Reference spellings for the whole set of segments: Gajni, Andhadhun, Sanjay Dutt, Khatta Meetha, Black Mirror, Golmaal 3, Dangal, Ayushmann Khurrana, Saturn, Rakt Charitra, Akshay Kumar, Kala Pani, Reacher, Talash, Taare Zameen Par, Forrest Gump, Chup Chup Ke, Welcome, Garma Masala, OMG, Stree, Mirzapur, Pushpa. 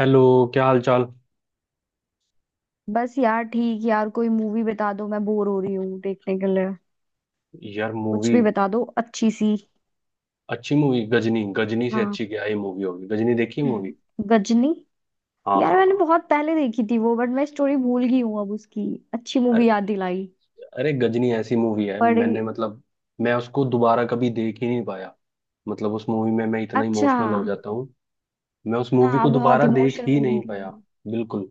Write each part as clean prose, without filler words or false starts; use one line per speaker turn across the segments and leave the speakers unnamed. Hello. क्या हाल चाल।
बस यार ठीक। यार कोई मूवी बता दो, मैं बोर हो रही हूँ देखने के लिए।
यार
कुछ
मूवी।
भी बता दो अच्छी सी।
अच्छी मूवी गजनी। गजनी से
हाँ,
अच्छी क्या ही मूवी होगी। गजनी देखी मूवी।
गजनी। यार मैंने
हाँ।
बहुत पहले देखी थी वो, बट मैं स्टोरी भूल गई हूँ अब उसकी। अच्छी मूवी
अरे।
याद दिलाई।
अरे गजनी ऐसी मूवी है,
बड़ी।
मैंने मतलब। मैं उसको दोबारा कभी देख ही नहीं पाया। मतलब उस मूवी में मैं इतना
अच्छा।
इमोशनल हो जाता हूँ। मैं उस मूवी
हाँ,
को
बहुत
दोबारा देख
इमोशनल
ही
मूवी
नहीं पाया।
थी।
बिल्कुल।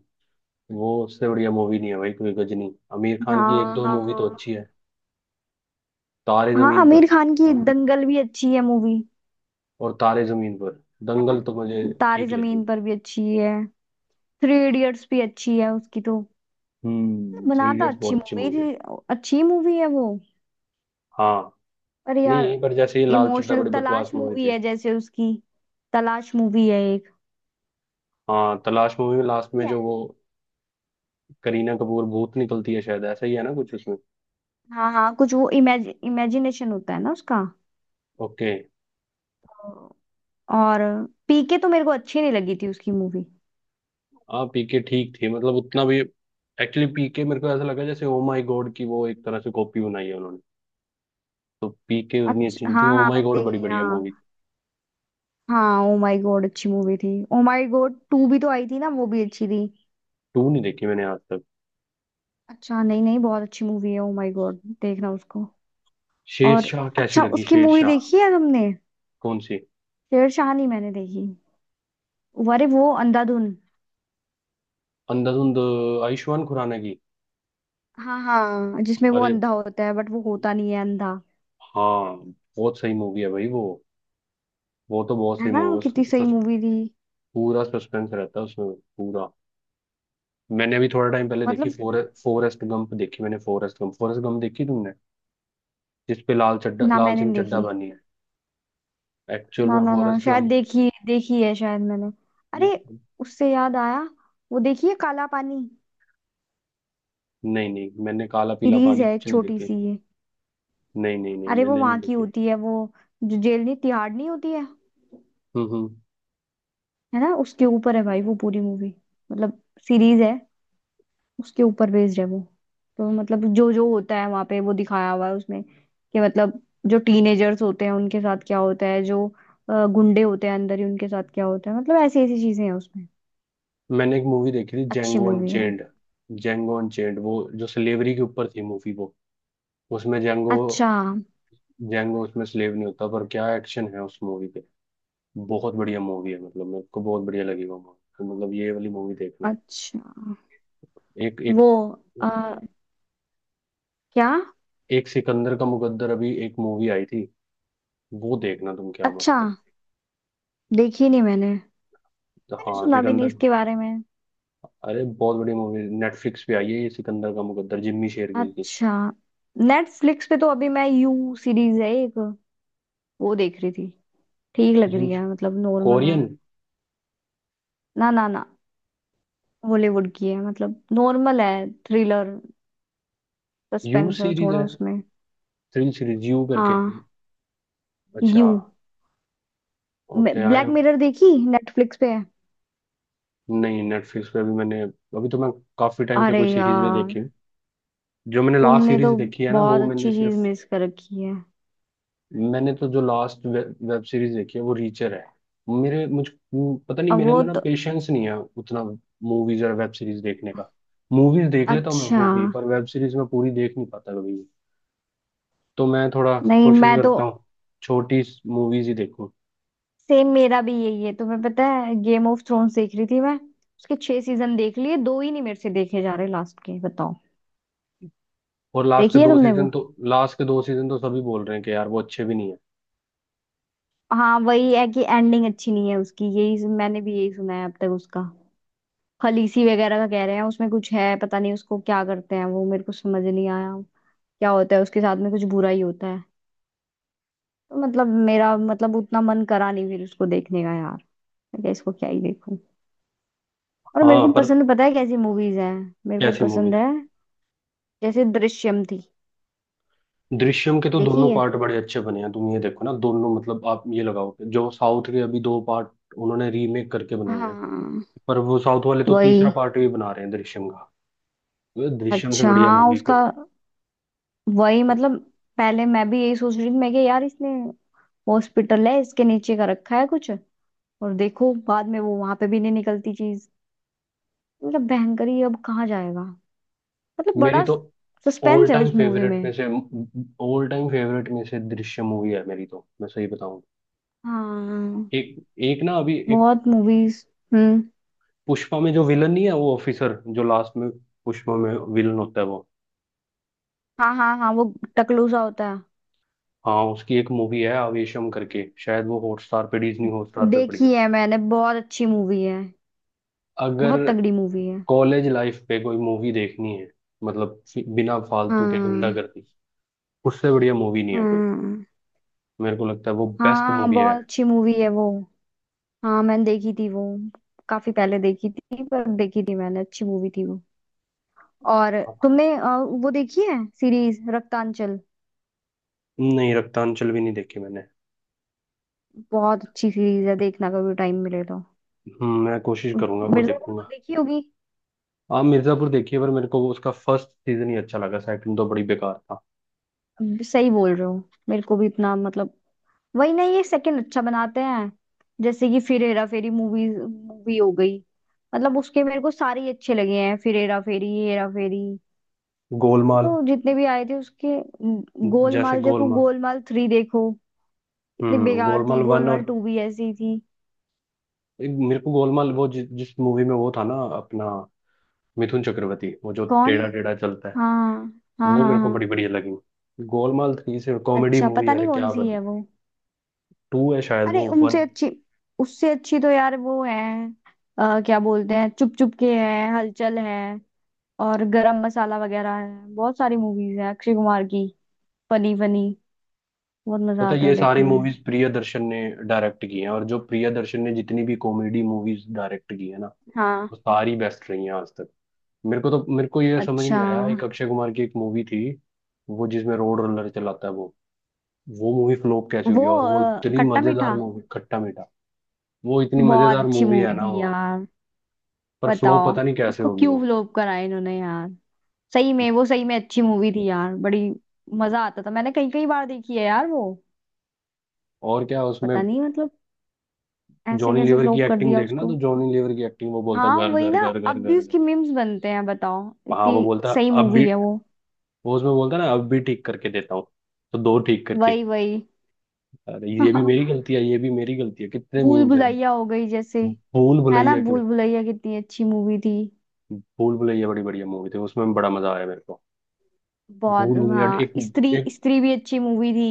वो उससे बढ़िया मूवी नहीं है भाई कोई। गजनी, आमिर खान की एक
हाँ,
दो
हाँ,
मूवी
हाँ।
तो अच्छी है। तारे
हाँ,
जमीन
आमिर
पर।
खान की दंगल भी अच्छी है मूवी।
और तारे जमीन पर।
है
दंगल तो मुझे
ना। तारे
ठीक लगी।
जमीन पर भी अच्छी है। थ्री इडियट्स भी अच्छी है उसकी तो।
थ्री
बनाता
इडियट्स
अच्छी
बहुत अच्छी
मूवी
मूवी है।
थी। अच्छी मूवी है वो।
हाँ।
अरे यार,
नहीं, पर जैसे ये लाल चड्ढा
इमोशनल
बड़ी बकवास
तलाश
मूवी
मूवी
थी।
है जैसे उसकी। तलाश मूवी है एक।
हाँ, तलाश मूवी में लास्ट में
Yeah.
जो वो करीना कपूर भूत निकलती है, शायद ऐसा ही है ना कुछ उसमें।
हाँ हाँ, कुछ वो इमेज इमेजिनेशन होता है ना उसका।
ओके।
तो- और पीके तो मेरे को अच्छी नहीं लगी थी उसकी मूवी।
हाँ, पीके ठीक थी मतलब, उतना भी। एक्चुअली पीके मेरे को ऐसा लगा जैसे ओ माय गॉड की वो एक तरह से कॉपी बनाई है उन्होंने। तो पीके उतनी अच्छी
अच्छा
नहीं थी।
हाँ
ओ
हाँ,
माय
मैंने
गॉड बड़ी
देखी
बढ़िया
हाँ।
मूवी थी।
हाँ, ओ माय गॉड अच्छी मूवी थी। ओ माय गॉड टू भी तो आई थी ना, वो भी अच्छी थी।
टू नहीं देखी मैंने आज तक।
अच्छा, नहीं नहीं, बहुत अच्छी मूवी है ओ माय गॉड, देखना उसको। और
शेरशाह कैसी
अच्छा,
लगी,
उसकी मूवी
शेरशाह।
देखी है तुमने।
कौन सी।
शेरशाह नहीं मैंने देखी। अरे वो अंधाधुन।
अंधाधुंध। आयुष्मान खुराना की।
हाँ हाँ, जिसमें वो
अरे।
अंधा होता है बट वो होता नहीं है अंधा।
हाँ। बहुत सही मूवी है भाई वो। वो तो बहुत
है
सही
ना, कितनी सही
मूवी।
मूवी थी।
पूरा सस्पेंस रहता है उसमें। पूरा। मैंने अभी थोड़ा टाइम पहले देखी
मतलब
फॉरेस्ट गंप, देखी मैंने फॉरेस्ट गंप। फॉरेस्ट गंप देखी तुमने। जिस पे लाल चड्ढा,
ना
लाल
मैंने
सिंह चड्ढा
देखी।
बनी है। एक्चुअल में
ना ना ना,
फॉरेस्ट
शायद
गंप।
देखी, देखी है शायद मैंने। अरे, उससे याद आया, वो देखिए काला पानी।
नहीं नहीं, मैंने काला पीला
सीरीज
पानी
है एक
कुछ नहीं
छोटी
देखे।
सी ये।
नहीं नहीं नहीं,
अरे वो
मैंने नहीं
वहां की
देखे।
होती है वो, जो जेल नहीं, तिहाड़ नहीं होती है।
हम्म।
है ना, उसके ऊपर है भाई वो पूरी मूवी। मतलब सीरीज है, उसके ऊपर बेस्ड है वो। तो मतलब जो जो होता है वहां पे वो दिखाया हुआ है उसमें कि मतलब जो टीनेजर्स होते हैं उनके साथ क्या होता है, जो गुंडे होते हैं अंदर, ही उनके साथ क्या होता है। मतलब ऐसी ऐसी चीजें हैं उसमें।
मैंने एक मूवी देखी थी
अच्छी
जेंगो
मूवी है वो।
अनचेंड। जेंगो अनचेंड वो जो स्लेवरी के ऊपर थी मूवी वो। उसमें जेंगो।
अच्छा।
जेंगो उसमें स्लेव नहीं होता पर क्या एक्शन है उस मूवी। बहुत बढ़िया मूवी है मतलब मेरे को बहुत बढ़िया लगी वो मूवी। तो मतलब ये वाली मूवी देखना।
अच्छा।
एक एक।
वो अ, क्या।
एक सिकंदर का मुकद्दर, अभी एक मूवी आई थी। वो देखना तुम, क्या
अच्छा।
मस्त है।
देखी नहीं मैंने।
तो
मैंने
हाँ,
सुना भी नहीं
सिकंदर।
इसके बारे में।
अरे बहुत बड़ी मूवी नेटफ्लिक्स पे आई है, ये सिकंदर का मुकद्दर, जिम्मी शेरगिल की।
अच्छा। नेटफ्लिक्स पे तो अभी मैं यू सीरीज है एक, वो देख रही थी। ठीक लग
यू।
रही है, मतलब नॉर्मल है।
कोरियन।
ना ना ना, बॉलीवुड की है, मतलब नॉर्मल है, थ्रिलर।
यू
सस्पेंस है
सीरीज
थोड़ा
है।
उसमें।
थ्रिल सीरीज यू करके।
हाँ,
अच्छा।
यू।
ओके आई
ब्लैक
एम।
मिरर देखी, नेटफ्लिक्स पे है।
नहीं, नेटफ्लिक्स पे अभी मैंने, अभी तो मैं काफी टाइम से
अरे
कोई सीरीज नहीं देखी
यार,
हूँ। जो मैंने लास्ट
तुमने
सीरीज
तो
देखी है ना,
बहुत
वो मैंने
अच्छी चीज
सिर्फ।
मिस कर रखी है।
मैंने तो जो लास्ट वेब सीरीज देखी है, वो रीचर है। मेरे मुझ पता नहीं,
अब
मेरे
वो
अंदर ना
तो।
पेशेंस नहीं है उतना मूवीज और वेब सीरीज देखने का। मूवीज देख लेता हूँ मैं
अच्छा।
वो भी, पर वेब सीरीज में पूरी देख नहीं पाता कभी भी। तो मैं थोड़ा
नहीं,
कोशिश
मैं तो
करता हूँ छोटी मूवीज ही देखूँ।
सेम मेरा भी यही है। तुम्हें पता है, गेम ऑफ थ्रोन्स देख रही थी मैं, उसके छह सीजन देख लिए, दो ही नहीं मेरे से देखे जा रहे लास्ट के, बताओ।
और लास्ट के
देखी है
दो
तुमने वो।
सीजन तो। लास्ट के दो सीजन तो सभी बोल रहे हैं कि यार वो अच्छे भी नहीं है।
हाँ वही है कि एंडिंग अच्छी नहीं है उसकी, यही मैंने भी, यही सुना है अब तक उसका। खलीसी वगैरह का कह रहे हैं उसमें कुछ है, पता नहीं उसको क्या करते हैं वो, मेरे को समझ नहीं आया क्या होता है उसके साथ में, कुछ बुरा ही होता है। तो मतलब मेरा, मतलब उतना मन करा नहीं फिर उसको देखने का यार। मैं क्या, इसको क्या ही देखूं। और मेरे
हाँ
को
पर।
पसंद पता है कैसी मूवीज हैं, मेरे को
कैसी
पसंद
मूवीज।
है, जैसे दृश्यम थी।
दृश्यम के तो दोनों
देखी है।
पार्ट बड़े अच्छे बने हैं। तुम ये देखो ना दोनों। मतलब आप ये लगाओ कि जो साउथ के अभी दो पार्ट उन्होंने रीमेक करके बनाए हैं।
हाँ
पर वो साउथ वाले तो
वही।
तीसरा पार्ट भी बना रहे हैं दृश्यम का। वो दृश्यम से
अच्छा
बढ़िया
हाँ
मूवी को।
उसका। वही मतलब पहले मैं भी यही सोच रही थी मैं कि यार इसने हॉस्पिटल है इसके नीचे का रखा है कुछ, और देखो बाद में वो वहां पे भी नहीं निकलती चीज। मतलब भयंकरी, अब कहाँ जाएगा, मतलब
मेरी
बड़ा
तो ऑल
सस्पेंस है
टाइम
उस मूवी
फेवरेट में
में।
से। ऑल टाइम फेवरेट में से दृश्यम मूवी है मेरी, तो मैं सही बताऊं।
हाँ
एक। एक ना अभी एक।
बहुत मूवीज। हम्म।
पुष्पा में जो विलन नहीं है वो ऑफिसर जो लास्ट में। पुष्पा में विलन होता है वो।
हाँ हाँ हाँ, वो टकलू सा होता है।
हाँ, उसकी एक मूवी है आवेशम करके, शायद वो हॉटस्टार पे, डिज्नी हॉटस्टार पे पड़ी है।
देखी है मैंने, बहुत अच्छी मूवी है।
अगर
बहुत तगड़ी मूवी है।
कॉलेज लाइफ पे कोई मूवी देखनी है, मतलब बिना फालतू के
हाँ।
गुंडागर्दी, उससे बढ़िया मूवी नहीं है कोई।
हाँ।
मेरे को लगता है वो बेस्ट
हाँ,
मूवी है।
बहुत अच्छी मूवी है वो। हाँ मैंने देखी थी वो, काफी पहले देखी थी पर देखी थी मैंने, अच्छी मूवी थी वो। और तुमने वो देखी है सीरीज रक्तांचल।
नहीं, रक्तांचल भी नहीं देखी मैंने।
बहुत अच्छी सीरीज है, देखना कभी टाइम मिले तो।
मैं कोशिश करूंगा वो
मिर्जापुर तो
देखूंगा।
देखी होगी।
आप मिर्जापुर देखिए, पर मेरे को वो उसका फर्स्ट सीजन ही अच्छा लगा, सेकंड तो बड़ी बेकार था।
अब सही बोल रहे हो, मेरे को भी इतना मतलब, वही ना, ये सेकंड अच्छा बनाते हैं। जैसे कि फिर हेरा फेरी मूवी मूवी हो गई, मतलब उसके मेरे को सारे ही अच्छे लगे हैं, फिर हेरा फेरी, ये हेरा फेरी,
गोलमाल।
तो जितने भी आए थे उसके। म,
जैसे
गोलमाल देखो,
गोलमाल।
गोलमाल थ्री देखो, इतनी बेकार थी,
गोलमाल वन
गोलमाल
और
टू भी ऐसी थी।
एक मेरे को गोलमाल, वो जिस मूवी में वो था ना अपना मिथुन चक्रवर्ती, वो जो
कौन।
टेढ़ा टेढ़ा चलता है।
हाँ हाँ
वो
हाँ।
मेरे को
हाँ।
बड़ी बढ़िया लगी। गोलमाल थ्री से कॉमेडी
अच्छा,
मूवी,
पता नहीं
अरे
कौन
क्या
सी
बात।
है वो।
टू है शायद
अरे
वो, वन।
उनसे अच्छी, उससे अच्छी तो यार वो है, क्या बोलते हैं, चुप चुप के है, हलचल है, और गरम मसाला वगैरह है, बहुत सारी मूवीज है अक्षय कुमार की। फनी फनी, बहुत मजा
पता है,
आता
ये
है
सारी
देखने में।
मूवीज प्रियदर्शन ने डायरेक्ट की हैं। और जो प्रियदर्शन ने जितनी भी कॉमेडी मूवीज डायरेक्ट की है ना,
हाँ।
वो सारी बेस्ट रही हैं आज तक। मेरे को ये समझ
अच्छा।
नहीं आया, एक अक्षय कुमार की एक मूवी थी। वो जिसमें रोड रोलर चलाता है वो। वो मूवी फ्लॉप कैसे
वो
हुई, और वो इतनी
खट्टा
मजेदार
मीठा,
मूवी, खट्टा मीठा। वो इतनी
बहुत
मजेदार
अच्छी
मूवी है
मूवी
ना
थी
वो।
यार।
पर फ्लॉप
बताओ,
पता नहीं कैसे
उसको
होगी
क्यों
वो।
फ्लॉप करा इन्होंने यार। सही में, वो सही में अच्छी मूवी थी यार, बड़ी मजा आता था, मैंने कई कई बार देखी है यार वो।
और क्या उसमें
पता नहीं मतलब, ऐसे
जॉनी
कैसे
लीवर की
फ्लॉप कर
एक्टिंग
दिया
देखना, तो
उसको।
जॉनी लीवर की एक्टिंग, वो बोलता
हाँ
घर
वही
घर
ना,
घर
अब
घर घर
भी
घर।
उसकी मीम्स बनते हैं, बताओ,
हाँ वो
इतनी
बोलता
सही
अब भी।
मूवी है वो।
वो उसमें बोलता है ना अब भी, ठीक करके देता हूँ। तो दो ठीक करके।
वही वही।
अरे, ये भी मेरी गलती है, ये भी मेरी गलती है, कितने
भूल
मीम्स हैं।
भुलैया हो गई जैसे,
भूल
है ना,
भुलैया के।
भूल भुलैया कितनी अच्छी मूवी थी।
भूल भुलैया बड़ी बढ़िया मूवी थी, उसमें बड़ा मजा आया मेरे को।
बहुत।
भूल भुलैया
हाँ,
एक।
स्त्री।
एक।
स्त्री भी अच्छी मूवी थी।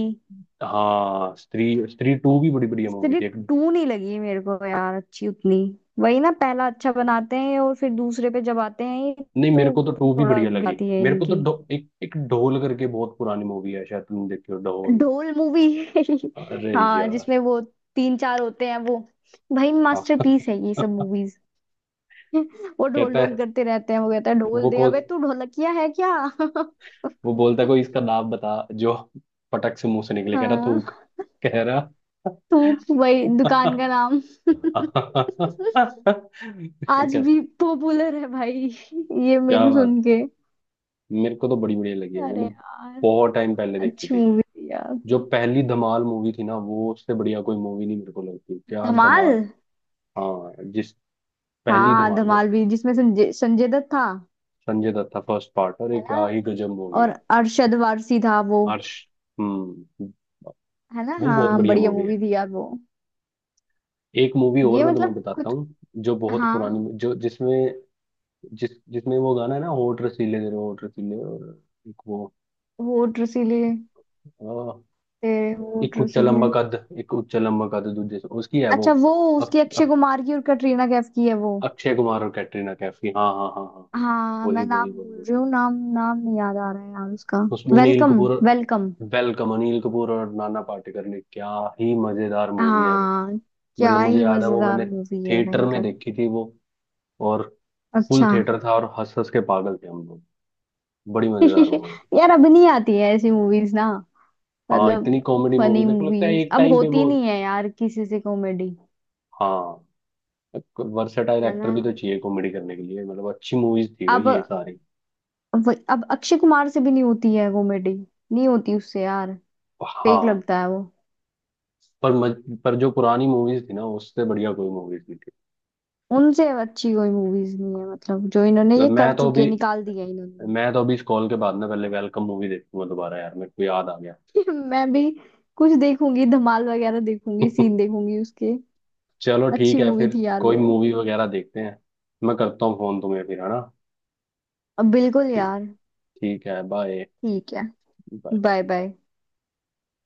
हाँ, स्त्री, स्त्री टू भी बड़ी बढ़िया मूवी
स्त्री
थी, एक।
टू नहीं लगी मेरे को यार अच्छी उतनी। वही ना, पहला अच्छा बनाते हैं और फिर दूसरे पे जब आते हैं ये,
नहीं, मेरे
तो
को तो टू भी
थोड़ा
बढ़िया लगी।
गिराती है
मेरे को तो
इनकी।
एक एक ढोल करके बहुत पुरानी मूवी है, शायद तुमने देखी हो, ढोल।
ढोल मूवी।
अरे
हाँ
यार।
जिसमें वो तीन चार होते हैं वो, भाई
हाँ।
मास्टरपीस है ये सब मूवीज। वो ढोल
कहता
ढोल
है।
करते रहते हैं, वो कहता है ढोल
वो
दे, अबे
कौन।
तू ढोलकिया है क्या।
वो बोलता है कोई इसका नाम बता जो पटक से मुंह से निकले, कह रहा थूक।
हाँ,
कह रहा।
थूक, वही दुकान का नाम। आज
क्या।
भी पॉपुलर है भाई ये
क्या
मेम
बात।
सुन के।
मेरे को तो बड़ी बढ़िया लगी है,
अरे
मैंने
यार,
बहुत टाइम पहले देखी
अच्छी
थी।
मूवी थी यार,
जो पहली धमाल मूवी थी ना, वो उससे बढ़िया कोई मूवी नहीं मेरे को लगती, क्या
धमाल।
धमाल। हाँ जिस। पहली
हाँ,
धमाल जो
धमाल भी, जिसमें संजय संजय दत्त था।
संजय दत्त था फर्स्ट पार्ट, और ये
है
क्या
ना।
ही गजब मूवी
और
है।
अरशद वारसी था वो।
हर्ष। हम्म।
है ना।
वो बहुत
हाँ
बढ़िया
बढ़िया
मूवी है।
मूवी थी यार वो।
एक मूवी और
ये
मैं तुम्हें
मतलब
बताता
कुछ।
हूँ, जो बहुत
हाँ,
पुरानी, जो जिसमें जिस जिसमें वो गाना है ना, होठ रसीले तेरे होठ रसीले, और एक वो
होठ रसीले,
अ,
तेरे
एक
होठ
उच्चा
रसीले।
लंबा कद, एक उच्चा लंबा कद दूजे से, उसकी है वो।
अच्छा वो,
अक,
उसकी अक्षय
अक,
कुमार की और कटरीना कैफ की है वो।
अक्षय कुमार और कैटरीना कैफ की, हाँ हाँ हाँ हाँ हाँ।
हाँ,
वही
मैं
वही
नाम
वही
भूल
वही।
रही हूँ, नाम नाम नहीं याद आ रहा है यार उसका।
उसमें Anil
Welcome.
Kapoor.
Welcome.
Welcome. Anil Kapoor और नाना पाटेकर ने क्या ही मजेदार मूवी है वो।
हाँ, क्या
मतलब मुझे
ही
याद है वो,
मजेदार
मैंने
मूवी है
थिएटर में
भयंकर।
देखी थी वो, और फुल
अच्छा।
थिएटर था और हंस हंस के पागल थे हम लोग। बड़ी मजेदार मूवी।
यार अब नहीं आती है ऐसी मूवीज ना।
हाँ,
मतलब
इतनी कॉमेडी मूवी
फनी
मेरे को लगता है
मूवीज
एक
अब
टाइम पे
होती
वो।
नहीं है यार, किसी से कॉमेडी।
हाँ। वर्सेटाइल
है
एक्टर
ना।
भी तो चाहिए कॉमेडी करने के लिए, मतलब अच्छी मूवीज थी भाई
अब।
ये सारी।
अब अक्षय कुमार से भी नहीं होती है कॉमेडी, नहीं होती उससे यार, फेक
हाँ,
लगता है।
पर पर जो पुरानी मूवीज थी ना, उससे बढ़िया कोई मूवीज नहीं थी।
उनसे अच्छी कोई मूवीज नहीं है, मतलब जो इन्होंने,
तो
ये कर चुके, निकाल दिया इन्होंने।
मैं तो अभी इस कॉल के बाद ना पहले वेलकम मूवी देखूंगा दोबारा यार, मेरे को याद आ गया।
मैं भी कुछ देखूंगी, धमाल वगैरह देखूंगी, सीन देखूंगी उसके।
चलो ठीक
अच्छी
है,
मूवी
फिर
थी यार
कोई
वो।
मूवी वगैरह देखते हैं। मैं करता हूँ फोन तुम्हें फिर, है ना।
अब बिल्कुल
ठीक।
यार।
ठीक है, बाय।
ठीक है बाय।
बाय।
बाय